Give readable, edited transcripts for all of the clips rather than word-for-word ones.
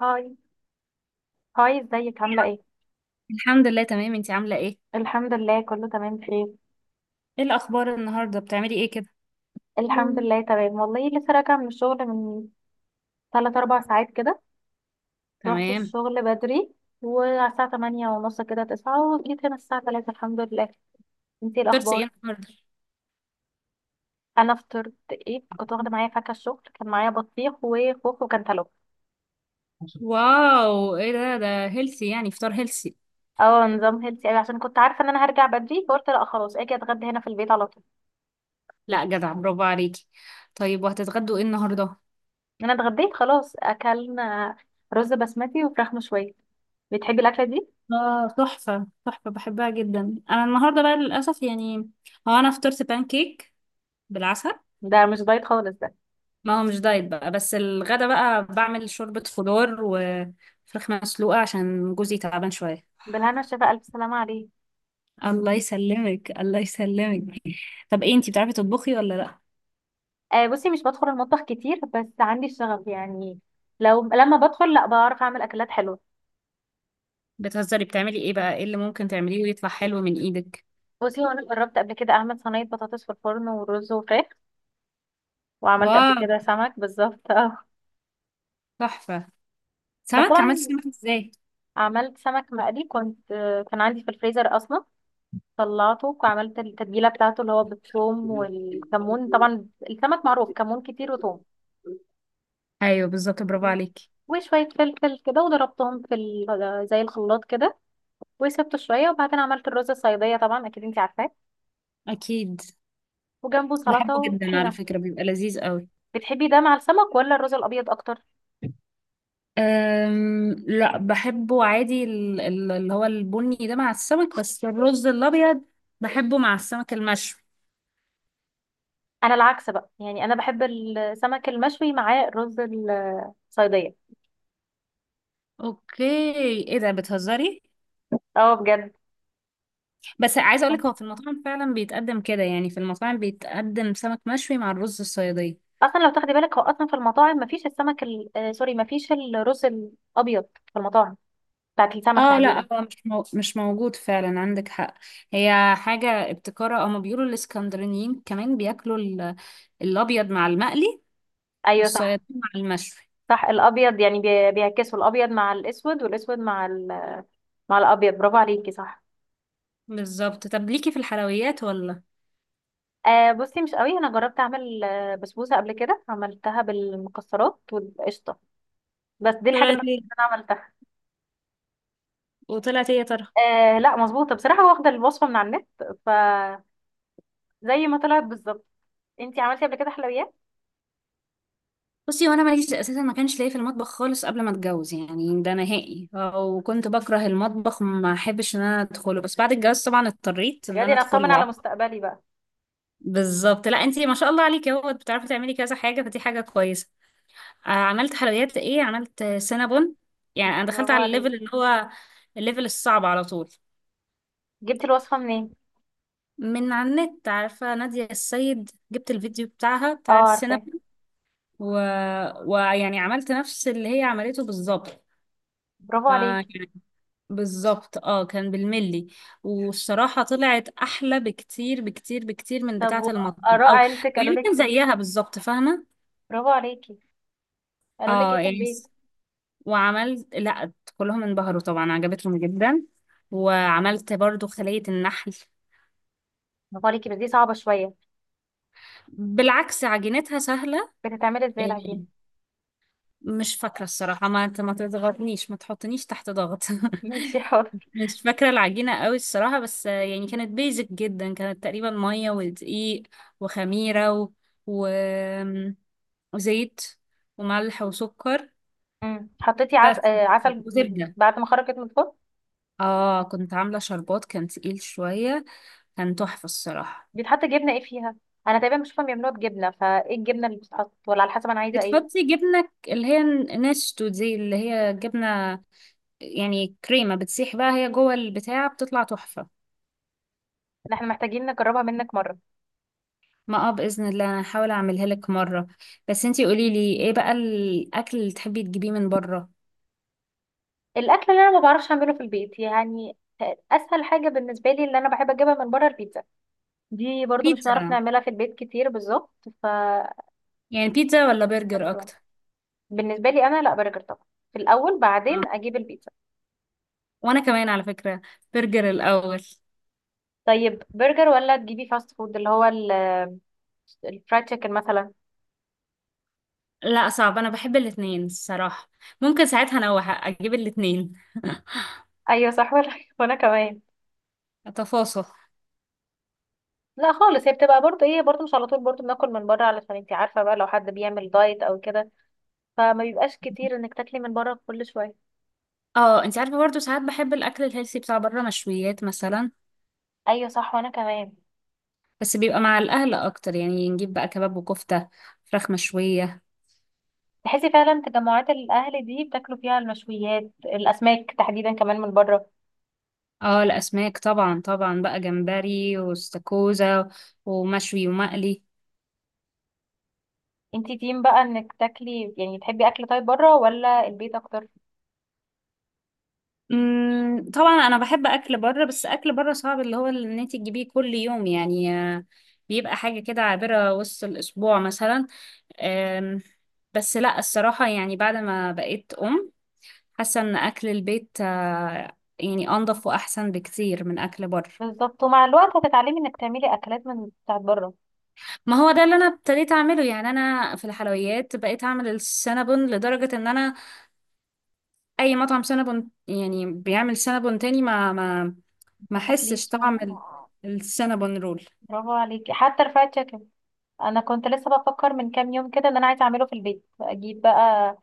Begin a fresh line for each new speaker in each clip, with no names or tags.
هاي، هاي ازيك عاملة ايه؟
الحمد لله تمام. انتي عاملة ايه؟
الحمد لله كله تمام بخير.
ايه الأخبار النهاردة؟ بتعملي ايه كده؟
الحمد لله تمام والله، لسه راجعة من الشغل من تلات أربع ساعات كده. رحت
تمام.
الشغل بدري، وعلى الساعة تمانية ونص كده تسعة، وجيت هنا الساعة تلاتة الحمد لله. انتي ايه
فطرتي ايه
الأخبار؟
النهاردة؟
أنا فطرت ايه، كنت واخدة معايا فاكهة، الشغل كان معايا بطيخ وخوخ وكنتالوب.
واو، ايه ده؟ ده هيلثي، يعني فطار هيلثي.
اه، نظام هيلثي اوي عشان كنت عارفة ان انا هرجع بدري، فقلت لا خلاص اجي اتغدى هنا في البيت على طول.
لا جدع، برافو عليكي. طيب وهتتغدوا ايه النهاردة؟
انا اتغديت خلاص، اكلنا رز بسمتي وفراخ مشوية. بتحبي الأكلة؟
اه تحفة تحفة، بحبها جدا. انا النهاردة بقى للأسف يعني، هو انا فطرت بانكيك بالعسل.
ده مش دايت خالص ده.
ما هو مش دايت بقى، بس الغدا بقى بعمل شوربة خضار وفراخ مسلوقة عشان جوزي تعبان شوية.
بالهنا والشفا، ألف سلامة عليه.
الله يسلمك، الله يسلمك. طب ايه، انتي بتعرفي تطبخي ولا لا؟
آه بصي، مش بدخل المطبخ كتير بس عندي الشغف يعني. لو لما بدخل لا بعرف أعمل أكلات حلوة.
بتهزري، بتعملي ايه بقى؟ ايه اللي ممكن تعمليه ويطلع حلو من ايدك؟
بصي، هو أنا جربت قبل كده أعمل صينية بطاطس في الفرن ورز وفراخ، وعملت قبل
واو،
كده سمك بالظبط اه.
تحفة.
بس
سمك؟ عملتي
طبعا
سمك ازاي؟
عملت سمك مقلي، كنت كان عندي في الفريزر أصلا، طلعته وعملت التتبيلة بتاعته اللي هو بالثوم والكمون، طبعا السمك معروف كمون كتير وثوم.
ايوه بالظبط، برافو عليكي.
وشوية فلفل كده وضربتهم في زي الخلاط كده، وسبته شويه، وبعدين عملت الرز الصياديه طبعا اكيد انت عارفاه،
اكيد.
وجنبه سلطه
بحبه جدا على
وطحينه.
فكرة، بيبقى لذيذ قوي.
بتحبي ده مع السمك ولا الرز الابيض اكتر؟
أم، لا بحبه عادي اللي هو البني ده مع السمك، بس الرز الابيض بحبه مع السمك المشوي.
انا العكس بقى، يعني انا بحب السمك المشوي معاه الرز الصياديه.
اوكي. ايه ده، بتهزري؟
اه بجد.
بس عايزه اقول لك، هو في المطاعم فعلا بيتقدم كده. يعني في المطاعم بيتقدم سمك مشوي مع الرز الصياديه.
اصلا لو تاخدي بالك، هو اصلا في المطاعم مفيش السمك آه سوري، مفيش الرز الابيض في المطاعم بتاعت السمك
اه
تحديدا.
لا، هو مش موجود فعلا، عندك حق. هي حاجه ابتكاره. اما بيقولوا الاسكندرانيين كمان بياكلوا ال... الابيض مع المقلي،
ايوه صح.
والصياديه مع المشوي.
صح، الابيض يعني بيعكسوا الابيض مع الاسود، والاسود مع مع الابيض، برافو عليكي صح.
بالظبط. طب ليكي في الحلويات ولا؟
آه بصي، مش قوي، انا جربت اعمل بسبوسه قبل كده، عملتها بالمكسرات والقشطه. بس دي الحاجه
طلعت
اللي
ايه؟
انا عملتها.
وطلعت ايه يا ترى؟
آه لا مظبوطه بصراحه، واخده الوصفه من على النت، فزي ما طلعت بالظبط. انتي عملتي قبل كده حلويات؟
بصي، وانا ماليش اساسا. ما كانش ليا في المطبخ خالص قبل ما اتجوز يعني، ده نهائي. وكنت بكره المطبخ، ما احبش ان انا ادخله. بس بعد الجواز طبعا اضطريت ان
بجد
انا
انا
ادخل
بطمن على
وأعرف.
مستقبلي بقى.
بالظبط. لا انتي ما شاء الله عليكي، اهو بتعرفي تعملي كذا حاجه، فدي حاجه كويسه. آه، عملت حلويات ايه؟ عملت سينابون. يعني انا دخلت
برافو
على الليفل
عليكي.
اللي هو الليفل الصعب على طول.
جبتي الوصفه منين؟
من على النت، عارفه ناديه السيد، جبت الفيديو بتاعها بتاع
اه عارفاه.
السينابون. و... ويعني عملت نفس اللي هي عملته بالظبط.
برافو عليكي.
بالظبط، اه كان بالملي. والصراحة طلعت أحلى بكتير بكتير بكتير من
طب
بتاعة المطعم،
واراء
أو
عيلتك قالوا لك
يمكن
ايه؟
زيها بالظبط، فاهمة.
برافو عليكي. قالوا لك ايه
اه
في
يعني
البيت؟
وعملت، لا كلهم انبهروا طبعا، عجبتهم جدا. وعملت برضو خلية النحل.
برافو عليكي، بس دي صعبه شويه.
بالعكس، عجينتها سهلة.
بتتعملي ازاي
إيه،
العجينه؟
مش فاكرة الصراحة. ما تضغطنيش، ما تحطنيش تحت ضغط.
ماشي حاضر.
مش فاكرة العجينة قوي الصراحة، بس يعني كانت بيزك جدا. كانت تقريبا مية ودقيق وخميرة و... و... وزيت وملح وسكر
امم، حطيتي عس...
بس،
آه، عسل
وزبدة.
بعد ما خرجت من الفرن؟
اه كنت عاملة شربات، كان تقيل شوية. كان تحفة الصراحة.
بيتحط جبنه ايه فيها؟ انا تقريبا بشوفهم بيعملوها بجبنه، فايه الجبنه اللي بتتحط ولا على حسب انا عايزه ايه؟
بتحطي جبنة اللي هي نستو، دي اللي هي جبنة يعني كريمة بتسيح بقى، هي جوه البتاع بتطلع تحفة.
إن احنا محتاجين نجربها منك مره.
ما اه، بإذن الله انا هحاول اعملها لك مرة. بس انتي قولي لي، ايه بقى الاكل اللي تحبي تجيبيه من بره؟
الاكل اللي انا ما بعرفش اعمله في البيت يعني، اسهل حاجه بالنسبه لي اللي انا بحب اجيبها من بره البيتزا، دي برضو مش هنعرف
بيتزا؟
نعملها في البيت كتير بالظبط ف
يعني بيتزا ولا برجر
نمبر 1
اكتر؟
بالنسبه لي. انا لا برجر طبعا في الاول، بعدين
آه.
اجيب البيتزا.
وانا كمان على فكرة برجر الاول.
طيب برجر ولا تجيبي فاست فود اللي هو الفرايد تشيكن مثلا؟
لا صعب، انا بحب الاتنين الصراحة. ممكن ساعتها انوح اجيب الاتنين.
ايوه صح ولا وانا كمان.
اتفاصل.
لا خالص، هي بتبقى برضه ايه، برضه مش على طول برضه بناكل من بره، علشان انتي عارفه بقى، لو حد بيعمل دايت او كده فما بيبقاش كتير انك تاكلي من بره كل شويه.
اه انتي عارفة برضه، ساعات بحب الاكل الهيلثي بتاع بره، مشويات مثلا.
ايوه صح وانا كمان.
بس بيبقى مع الاهل اكتر. يعني نجيب بقى كباب وكفتة، فراخ مشوية.
تحسي فعلا تجمعات الاهل دي بتاكلوا فيها المشويات، الاسماك تحديدا كمان من بره؟
اه الاسماك طبعا، طبعا بقى جمبري واستاكوزا، ومشوي ومقلي.
انتي تيم بقى انك تاكلي، يعني تحبي اكل طيب بره ولا البيت اكتر؟
طبعا انا بحب اكل بره، بس اكل بره صعب اللي هو اللي ان انت تجيبيه كل يوم يعني. بيبقى حاجه كده عابره وسط الاسبوع مثلا. آم، بس لا الصراحه، يعني بعد ما بقيت ام، حاسه ان اكل البيت يعني انضف واحسن بكتير من اكل بره.
بالظبط، ومع الوقت هتتعلمي انك تعملي اكلات من بتاعت بره.
ما هو ده اللي انا ابتديت اعمله. يعني انا في الحلويات بقيت اعمل السينابون، لدرجة ان انا اي مطعم سينابون يعني بيعمل سينابون تاني، ما ما
ما
حسش
تاكليش
طعم
منها.
السينابون رول.
برافو عليكي. حتى الفرايد تشيكن انا كنت لسه بفكر من كام يوم كده، ان انا عايزه اعمله في البيت، اجيب بقى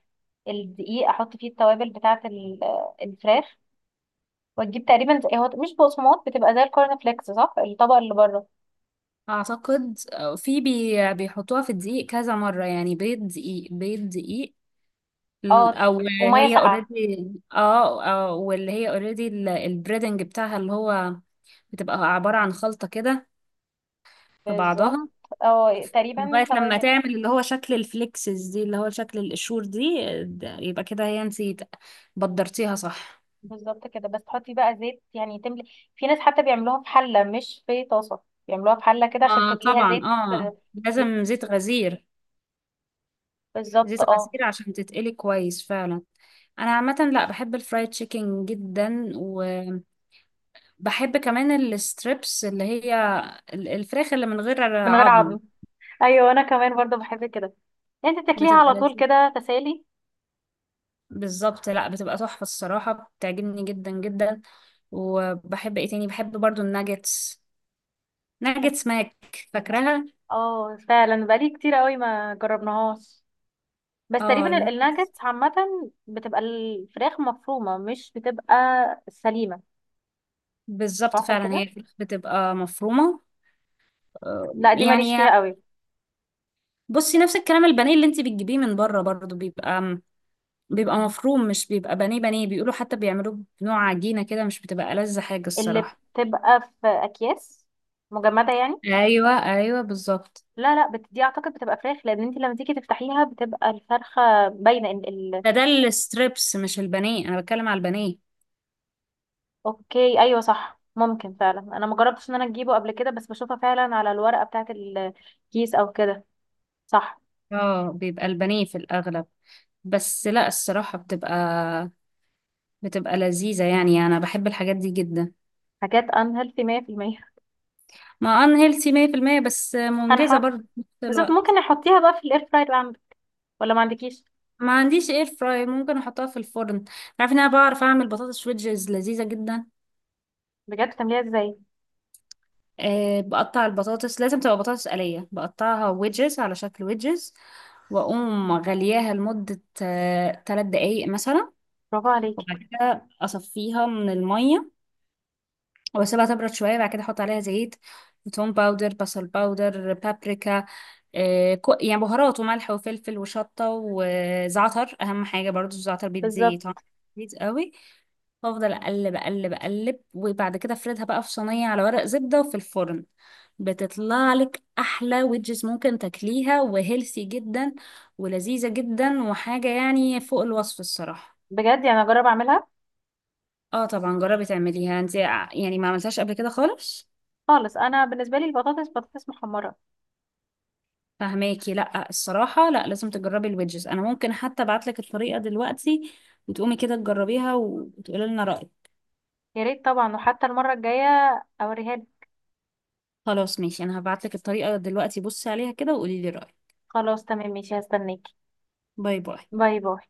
الدقيق احط فيه التوابل بتاعه الفراخ، وتجيب تقريبا زي، هو مش بقسماط، بتبقى زي الكورن فليكس، صح الطبق اللي بره؟
اعتقد في بي بيحطوها في الدقيق كذا مرة، يعني بيض دقيق، بيض دقيق
اه،
او
وميه
هي
ساقعه.
اوريدي. اه واللي هي اوريدي البريدنج بتاعها، اللي هو بتبقى عبارة عن خلطة كده في
بالظبط،
بعضها.
اه تقريبا
لغاية لما
توابل.
تعمل اللي هو شكل الفليكسز دي، اللي هو شكل القشور دي. يبقى كده هي انتي بدرتيها، صح؟
بالظبط كده، بس تحطي بقى زيت، يعني تملي. في ناس حتى بيعملوها في حله مش في طاسه، بيعملوها في حله كده عشان
ما
تمليها
طبعا
زيت
اه،
زيت
لازم زيت
كتير.
غزير.
بالظبط
زيت
اه.
غزير عشان تتقلي كويس فعلا. انا عامه لا بحب الفرايد تشيكن جدا، وبحب كمان الستريبس اللي هي الفراخ اللي من غير
من غير
عظم.
عظم، ايوه انا كمان برضه بحب كده. يعني انت بتاكليها
بتبقى
على طول
لذيذة.
كده تسالي؟
بالظبط، لا بتبقى تحفه الصراحه، بتعجبني جدا جدا. وبحب ايه تاني؟ بحب برضو الناجتس،
بس
ناجتس ماك، فاكراها؟
اه فعلا بقالي كتير قوي ما جربناهاش. بس
اه
تقريبا
الناجتس،
الناجتس عامة بتبقى الفراخ مفرومة، مش بتبقى سليمة،
بالظبط.
صح
فعلا هي
كده؟
الفراخ بتبقى مفرومه،
لا دي ماليش
يعني.
فيها قوي.
بصي نفس الكلام البانيه اللي انت بتجيبيه من بره برضو، بيبقى مفروم، مش بيبقى بانيه بانيه. بيقولوا حتى بيعملوه بنوع عجينة كده، مش بتبقى ألذ حاجة
اللي
الصراحة.
بتبقى في أكياس مجمدة يعني؟
ايوه ايوه بالظبط،
لا لا دي أعتقد بتبقى فراخ، لأن انت لما تيجي تفتحيها بتبقى الفرخة باينة ال...
ده الستريبس مش البانيه، انا بتكلم على البانيه.
أوكي أيوة صح. ممكن فعلا، أنا مجربتش إن أنا أجيبه قبل كده، بس بشوفها فعلا على الورقة بتاعة الكيس أو كده. صح.
اه بيبقى البانيه في الأغلب. بس لا الصراحة بتبقى لذيذة. يعني أنا بحب الحاجات دي جدا.
حاجات unhealthy 100%.
ما أن هيلثي 100%، بس منجزة
هنحط،
برضه في نفس
بس ممكن
الوقت.
نحطيها بقى في الاير فراير اللي عندك ولا ما عندكيش؟
ما عنديش اير فراي، ممكن أحطها في الفرن. عارفة إن أنا بعرف أعمل بطاطس ويدجز لذيذة جدا.
بجد بتعمليها ازاي؟
أه، بقطع البطاطس، لازم تبقى بطاطس قلية. بقطعها ويدجز على شكل ويدجز، واقوم غلياها لمدة 3 دقايق مثلا.
برافو عليكي.
وبعد كده اصفيها من المية، واسيبها تبرد شوية. بعد كده احط عليها زيت، توم باودر، بصل باودر، بابريكا، يعني بهارات وملح وفلفل وشطة وزعتر. اهم حاجة برضو الزعتر، بيدي
بالظبط.
طعم لذيذ قوي. بفضل اقلب اقلب اقلب، وبعد كده افردها بقى في صينيه على ورق زبده وفي الفرن. بتطلع لك احلى ويدجز ممكن تاكليها، وهيلثي جدا ولذيذه جدا، وحاجه يعني فوق الوصف الصراحه.
بجد يعني اجرب اعملها.
اه طبعا جربي تعمليها انت، يعني ما عملتهاش قبل كده خالص
خالص، انا بالنسبه لي البطاطس بطاطس محمره.
فهماكي. لا الصراحه لا، لازم تجربي الويدجز. انا ممكن حتى ابعت لك الطريقه دلوقتي، وتقومي كده تجربيها وتقولي لنا رايك.
يا ريت طبعا، وحتى المره الجايه اوريها لك.
خلاص ماشي، انا هبعت لك الطريقه دلوقتي، بصي عليها كده وقولي لي رايك.
خلاص تمام ماشي، هستناكي.
باي باي.
باي باي.